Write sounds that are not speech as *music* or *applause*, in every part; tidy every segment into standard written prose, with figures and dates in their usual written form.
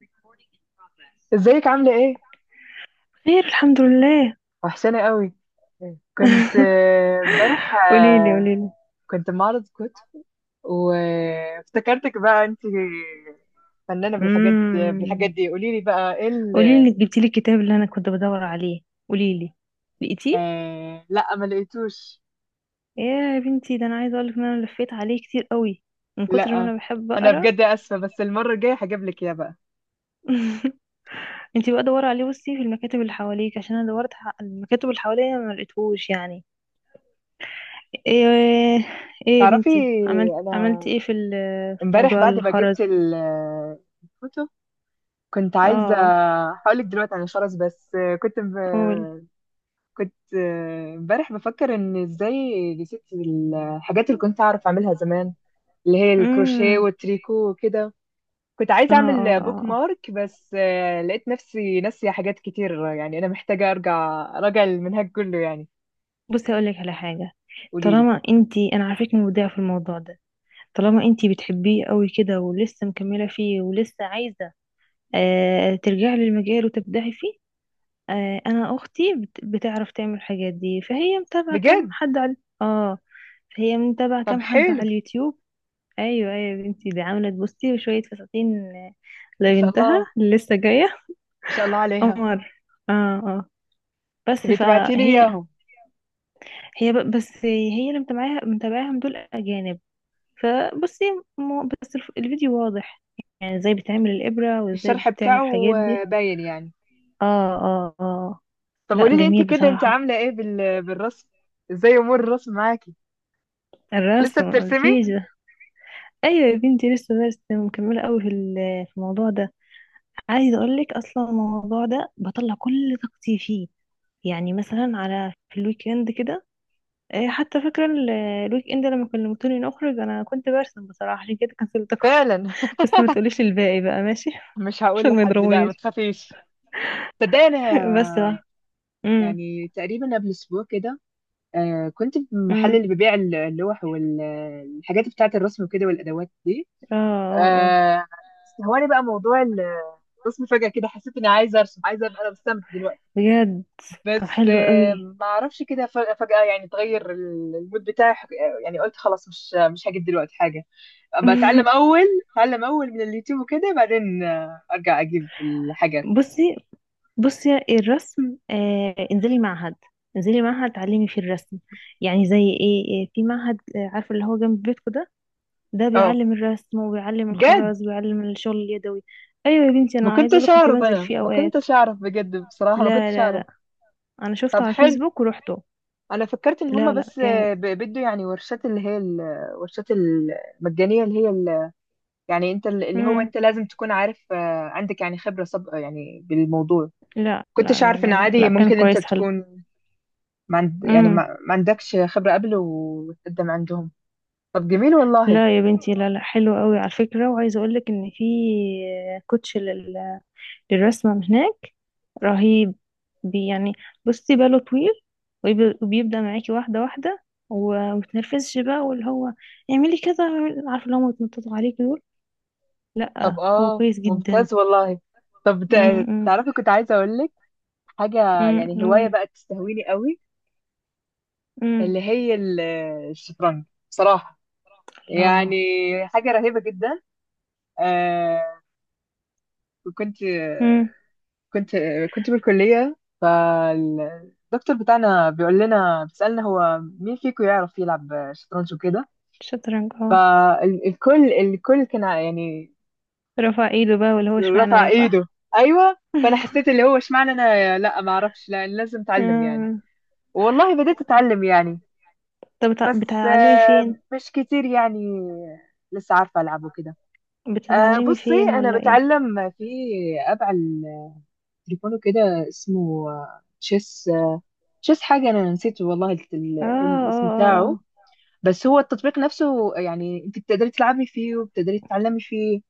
Recording in progress. ازيك عاملة ايه؟ خير، الحمد لله. وحشانة قوي. كنت امبارح قولي لي، قولي لي. كنت معرض كتب وافتكرتك بقى انت فنانة بالحاجات امم. دي. قولي لي بقى ايه؟ قولي لي، جبتي لي الكتاب اللي انا كنت بدور عليه؟ قولي لي. لقيتيه؟ لا ما لقيتوش. يا بنتي، ده انا عايزه اقول لك ان انا لفيت عليه كتير قوي من كتر ما لا انا بحب انا اقرا. بجد اسفة، بس المرة الجاية هجيب لك اياه بقى. *laughs* انتي بقى دوري عليه، بصي في المكاتب اللي حواليك، عشان انا دورت على المكاتب اللي حواليا ما لقيتهوش يعني. ايه؟ ايه يا تعرفي، بنتي، عملت انا ايه في امبارح موضوع بعد ما الخرز؟ جبت الكتب كنت عايزة. اه. هقولك دلوقتي عن الخرز. بس كنت قول. كنت امبارح بفكر ان ازاي نسيت الحاجات اللي كنت اعرف اعملها زمان، اللي هي الكروشيه امم. والتريكو وكده. كنت اه، عايزه اه، اعمل بوك اه، آه. مارك، بس لقيت نفسي ناسيه حاجات كتير يعني انا محتاجه ارجع اراجع المنهج كله يعني. بصي، اقول لك على حاجه. قولي لي. طالما انتي، انا عارفك مبدعه في الموضوع ده. طالما انتي بتحبيه قوي كده، ولسه مكمله فيه، ولسه عايزه ترجعي للمجال وتبدعي فيه. انا اختي بتعرف تعمل الحاجات دي، فهي متابعه كام بجد؟ حد على. اه. فهي متابعه طب كام حد حلو. على اليوتيوب. ايوه، ايوه يا بنتي، دي عملت، بصي شويه فساتين ما شاء الله، لبنتها ما اللي لسه جايه. شاء الله عليها. قمر. اه. آه. بس تبقي تبعتي لي فهي. اياهم. هي بس هي اللي متابعاها متابعاهم دول اجانب. فبصي. بس الفيديو واضح. يعني ازاي بتعمل الابره، وازاي الشرح بتعمل بتاعه الحاجات دي. باين يعني. اه، اه، اه. طب لا، قولي لي انت جميل كده، انت بصراحه. عامله ايه بالرسم؟ ازاي امور الرسم معاكي؟ لسه الرسم بترسمي؟ مقولكيش ده. ايوه يا بنتي، لسه برسم، مكمله قوي في الموضوع ده. عايزه اقول لك اصلا الموضوع ده بطلع كل طاقتي فيه. يعني مثلا، في الويك اند كده. إيه، حتى فاكره الويك اند لما كلمتوني نخرج، انا كنت برسم بصراحه عشان كده كنسلتكم. فعلا. بس ما *laughs* تقوليش الباقي بقى، ماشي؟ *laughs* مش هقول عشان ما لحد، لا ما يضربونيش. تخافيش. تصدقي، انا *laughs* بس بقى. امم، يعني تقريبا قبل اسبوع كده كنت في المحل امم. اللي بيبيع اللوح والحاجات بتاعه الرسم وكده والادوات دي. اه، اه، اه. آه استهواني بقى موضوع الرسم. فجأة كده حسيت اني عايزه ارسم، عايزه ابقى انا مستمتع دلوقتي. بجد؟ طب، بس حلو قوي. ما اعرفش، كده فجأة يعني اتغير المود بتاعي. يعني قلت خلاص مش هجيب دلوقتي حاجه، بتعلم *laughs* اول. اتعلم من اليوتيوب وكده بعدين ارجع اجيب الحاجات. بصي، بصي الرسم، انزلي معهد. انزلي معهد تعلمي فيه الرسم. يعني زي ايه، في معهد، عارفه اللي هو جنب بيتكو ده. ده اه، بيعلم الرسم، وبيعلم بجد؟ الخراز، وبيعلم الشغل اليدوي. ايوه يا بنتي، ما انا عايزه اقولك كنتش كنت اعرف، بنزل انا فيه ما اوقات. كنتش اعرف بجد، بصراحة ما لا، كنتش لا، اعرف. لا. انا شفته طب على حلو. الفيسبوك ورحته. انا فكرت ان هما لا، لا. بس بيدوا يعني ورشات، اللي هي الورشات المجانية، اللي هي يعني انت اللي هو جامد. انت لازم تكون عارف عندك يعني خبرة سابقة يعني بالموضوع. لا، لا، لا، كنتش عارف لا، ان لا، عادي لا، كان ممكن انت كويس حلو. تكون ما عند يعني امم. ما عندكش خبرة قبل وتقدم عندهم. طب جميل والله. لا يا بنتي، لا، لا، حلو قوي على فكرة، وعايزة اقول لك ان في كوتش للرسمة من هناك. رهيب. بي يعني. بصي، باله طويل. وبيبدأ معاكي واحدة واحدة. ومتنرفزش بقى، واللي هو. اعملي كذا، عارفة اللي هم بيتنططوا عليكي دول. لا، طب، هو اه، كويس جدا. ممتاز والله. طب، امم، امم. تعرفي، كنت عايزة اقول لك حاجة. يعني هواية قولي. بقى تستهويني قوي، امم. اللي هي الشطرنج. بصراحة يعني الله. حاجة رهيبة جدا. آه كنت امم. كنت كنت بالكلية، فالدكتور بتاعنا بيقول لنا، بيسألنا هو مين فيكم يعرف يلعب شطرنج وكده. شطرنج، اه. فالكل كان يعني رفع ايده بقى، واللي هو اشمعنى رفع ده، ايده. صح؟ ايوه. فانا حسيت اللي هو اشمعنى انا، لا ما اعرفش، لا لازم اتعلم يعني. *laughs* والله بديت اتعلم يعني. طب، بس بتتعلمي فين؟ مش كتير يعني، لسه عارفة العبه كده. أه بتتعلمي بصي، فين انا ولا ايه؟ بتعلم في اب على التليفون كده اسمه تشيس. تشيس حاجه، انا نسيت والله اه، اه، الاسم اه، بتاعه. آه. بس هو التطبيق نفسه يعني، انت بتقدري تلعبي فيه وبتقدري تتعلمي فيه.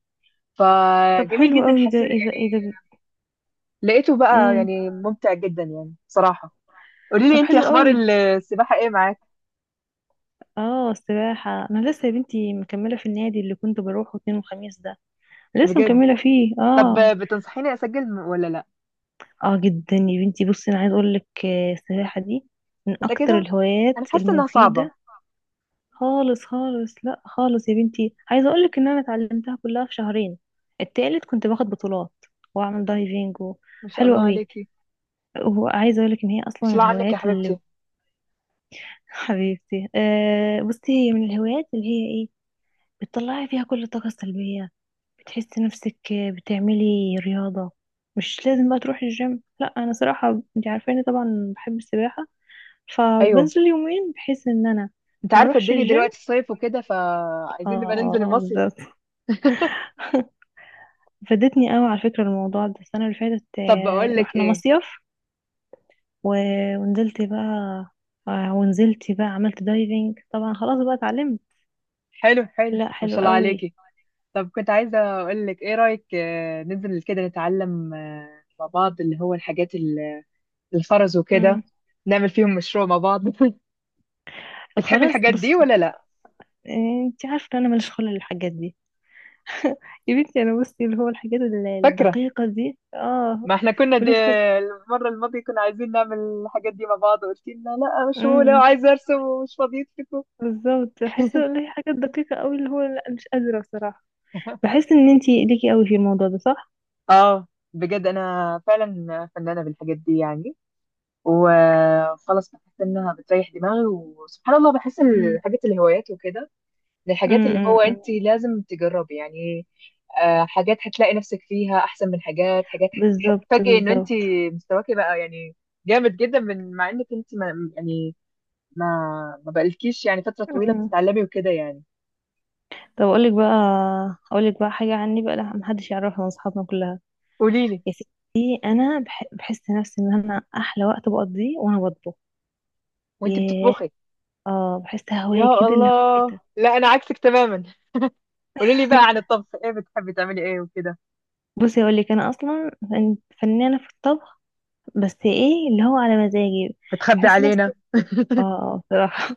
طب فجميل حلو جدا، قوي ده، حسيت اذا يعني اذا لقيته بقى امم. يعني ممتع جدا يعني صراحه. قولي لي طب، انت، حلو اخبار قوي. السباحه ايه معاك؟ اه، السباحة، انا لسه يا بنتي مكملة في النادي اللي كنت بروحه اتنين وخميس ده. لسه بجد؟ مكملة فيه، طب اه. بتنصحيني اسجل ولا لا؟ اه جدا يا بنتي، بصي انا عايز اقول لك، السباحة دي من اكتر متاكده؟ انا الهوايات حاسه انها صعبه. المفيدة. خالص، خالص. لا، خالص يا بنتي، عايزه اقول لك ان انا اتعلمتها كلها في شهرين. التالت كنت باخد بطولات. واعمل دايفنج و. ما شاء حلوه الله قوي. عليكي. وعايزه اقول لك ان هي ما اصلا شاء من الله عنك يا الهوايات حبيبتي. اللي. *laughs* حبيبتي، بصي هي من الهوايات اللي هي ايه. بتطلعي فيها كل الطاقه السلبيه. بتحسي نفسك. بتعملي رياضه. مش لازم بقى تروحي الجيم، لا انا صراحه انت عارفاني طبعا بحب السباحه. ايوه، فبنزل يومين بحيث ان انا انت ما عارفه اروحش الدنيا الجيم. دلوقتي الصيف وكده اه، فعايزين نبقى ننزل المصيف. بالظبط. *laughs* فادتني قوي على فكرة الموضوع ده، السنة اللي فاتت طب بقول لك رحنا ايه. مصيف. ونزلت بقى. ونزلت بقى عملت دايفنج طبعا، خلاص بقى اتعلمت. حلو، حلو، لا، ما حلو شاء الله قوي. عليكي. طب كنت عايزه اقول لك، ايه رايك ننزل كده نتعلم مع بعض، اللي هو الحاجات الخرز وكده؟ امم. نعمل فيهم مشروع مع بعض. *laughs* طب بتحبي خلاص، الحاجات دي بص. ولا لا؟ انت عارفة ان انا ماليش خلق للحاجات دي. يا بنتي انا بصي، اللي هو الحاجات فاكره، الدقيقة دي، اه. ما احنا كنا ماليش خلق. المره الماضيه كنا عايزين نعمل الحاجات دي مع بعض وقلت لنا لا، مش هو امم. عايزه ارسم ومش فاضيتكم. بالظبط، بحس ان هي حاجات دقيقة قوي، اللي هو لا، مش قادرة بصراحة. *laughs* بحس ان انت ليكي قوي في الموضوع ده، صح؟ اه بجد، انا فعلا فنانه بالحاجات دي يعني. وخلاص بحس انها بتريح دماغي، وسبحان الله بحس إن امم، الحاجات، الهوايات وكده، من الحاجات امم، اللي هو أمم، انت أمم. لازم تجربي يعني. حاجات هتلاقي نفسك فيها احسن من حاجات. بالظبط، هتفاجئي ان انت بالظبط. مستواكي بقى يعني جامد جدا، مع انك انت ما يعني ما ما بقالكيش يعني فترة طويلة مم. بتتعلمي وكده يعني. طب، اقول لك بقى. اقول لك بقى حاجه عني بقى، لا محدش يعرفها من اصحابنا كلها. قولي لي. يا ستي، انا بحس نفسي ان انا احلى وقت بقضيه وانا بطبخ. وانت ياه. بتطبخي؟ اه، بحس يا هوايه كده، اللي هو ايه الله، ده. لا انا عكسك تماما. قولي لي بقى عن *laughs* الطبخ، ايه بتحبي تعملي ايه وكده؟ بصي اقول لك، انا اصلا فنانه في الطبخ. بس ايه اللي هو على مزاجي. بتخبي بحس نفسي. علينا. اه، بصراحه.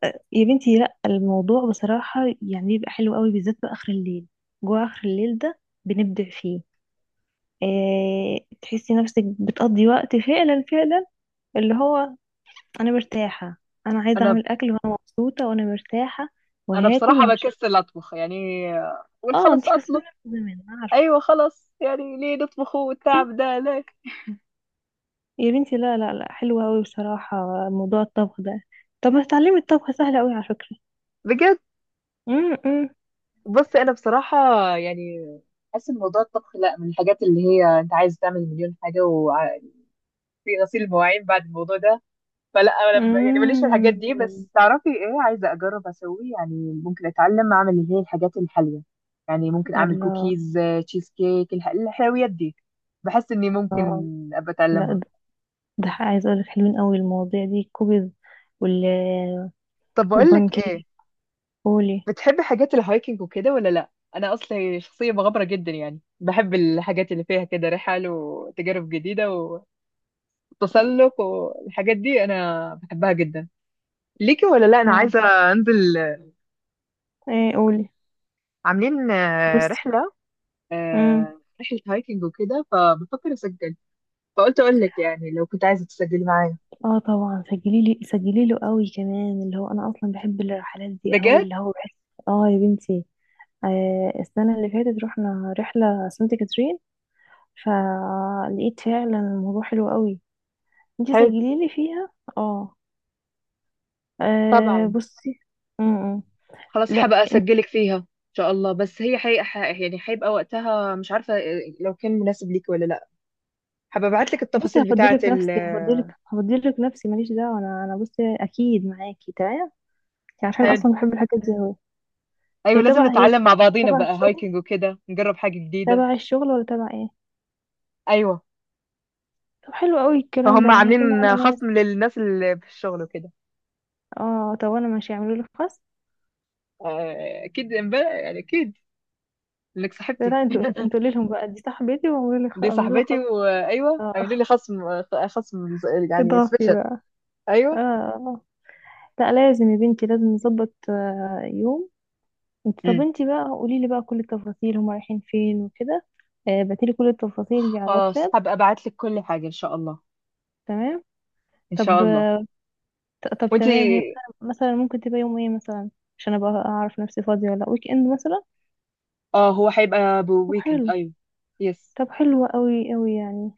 *laughs* يا بنتي، لا الموضوع بصراحه يعني بيبقى حلو قوي، بالذات بقى اخر الليل. جوه اخر الليل ده. بنبدع فيه. إيه، تحسي نفسك بتقضي وقت، فعلا فعلا. اللي هو. انا مرتاحه. انا عايزه انا اعمل اكل وانا مبسوطه وانا مرتاحه. انا وهاكل بصراحه بكسل وهشرب. اطبخ يعني. قول اه، خلاص، انتي اطلب. كسلانه من زمان، أنا عارفه. ايوه خلاص، يعني ليه نطبخه والتعب *laughs* ده ليه؟ يا بنتي، لا، لا، لا، حلوه قوي بصراحه. موضوع الطبخ ده. طب ما تتعلمي، الطبخ سهل قوي على فكره. بجد. امم، بص، انا بصراحه يعني حاسس ان موضوع الطبخ لا، من الحاجات اللي هي انت عايز تعمل مليون حاجه وفي غسيل مواعين بعد الموضوع ده. فلا، أنا لما يعني ماليش في الحاجات دي، امم. بس تعرفي ايه؟ عايزه اجرب اسوي يعني، ممكن اتعلم اعمل اللي هي الحاجات الحلوه. يعني ممكن اعمل الله. كوكيز، تشيز كيك، الحلويات دي. بحس اني ممكن ابقى لا، اتعلمها. ده. ده عايزه اقول لك، حلوين قوي المواضيع دي، الكوبز. وال طب بقول لك ايه، والبانكيك. قولي. بتحب حاجات الهايكنج وكده ولا لا؟ انا اصلا شخصيه مغامره جدا يعني، بحب الحاجات اللي فيها كده رحل وتجارب جديده وتسلق والحاجات دي، انا بحبها جدا. ليكي ولا لا؟ انا اه، عايزه انزل، ايه، قولي. عاملين رحله، بصي، رحله هايكنج وكده، فبفكر اسجل. فقلت اقول لك يعني، لو كنت عايزه تسجلي معايا. اه طبعا سجلي لي، سجلي له قوي كمان، اللي هو انا اصلا بحب الرحلات دي قوي، بجد. اللي هو بحس. اه يا بنتي. السنه اللي فاتت رحنا رحله سانت كاترين. فلقيت فعلا الموضوع حلو قوي. انتي حلو. سجلي لي فيها. اه. طبعا، بصي. م -م. خلاص لا، هبقى انت. اسجلك فيها ان شاء الله، بس هي حقيقة يعني هيبقى وقتها مش عارفه لو كان مناسب ليكي ولا لا. هبقى ابعت لك بصي، التفاصيل بتاعه. هفضلك نفسي، هفضلك نفسي ماليش دعوه، انا بصي اكيد معاكي تمام. عشان حلو. اصلا بحب الحاجات دي قوي. ايوه لازم هي نتعلم مع بعضينا تبع بقى الشغل، هايكنج وكده، نجرب حاجه جديده. تبع الشغل ولا تبع ايه؟ ايوه، طب حلو قوي الكلام ده، فهم يعني هيكون معانا عاملين ناس؟ خصم للناس اللي في الشغل وكده. اه طب، انا ماشي، اعملوا لي خاص. اكيد امبارح يعني اكيد انك لا، صاحبتي. لا، انتوا *laughs* انتوا قولي لهم بقى دي صاحبتي، واعملوا لي دي اعملوا لها صاحبتي، خاص. وايوه آه، عاملين *laughs* لي خصم، خصم يعني اضافي سبيشال. بقى. اه، ايوه. آه. لا لازم يا بنتي، لازم نظبط يوم. طب امم انتي بقى، قولي لي بقى كل التفاصيل، هما رايحين فين وكده. بعتيلي كل التفاصيل دي على خلاص الواتساب. هبقى ابعت لك كل حاجه ان شاء الله، تمام. ان طب. شاء الله. طب وانتي؟ تمام، هي مثلاً ممكن تبقى يوم ايه مثلا؟ عشان ابقى اعرف نفسي فاضية ولا لا، ويك اند مثلا. اه، هو هيبقى طب بويكند، حلو. ايوه، يس. طب، حلو قوي قوي يعني.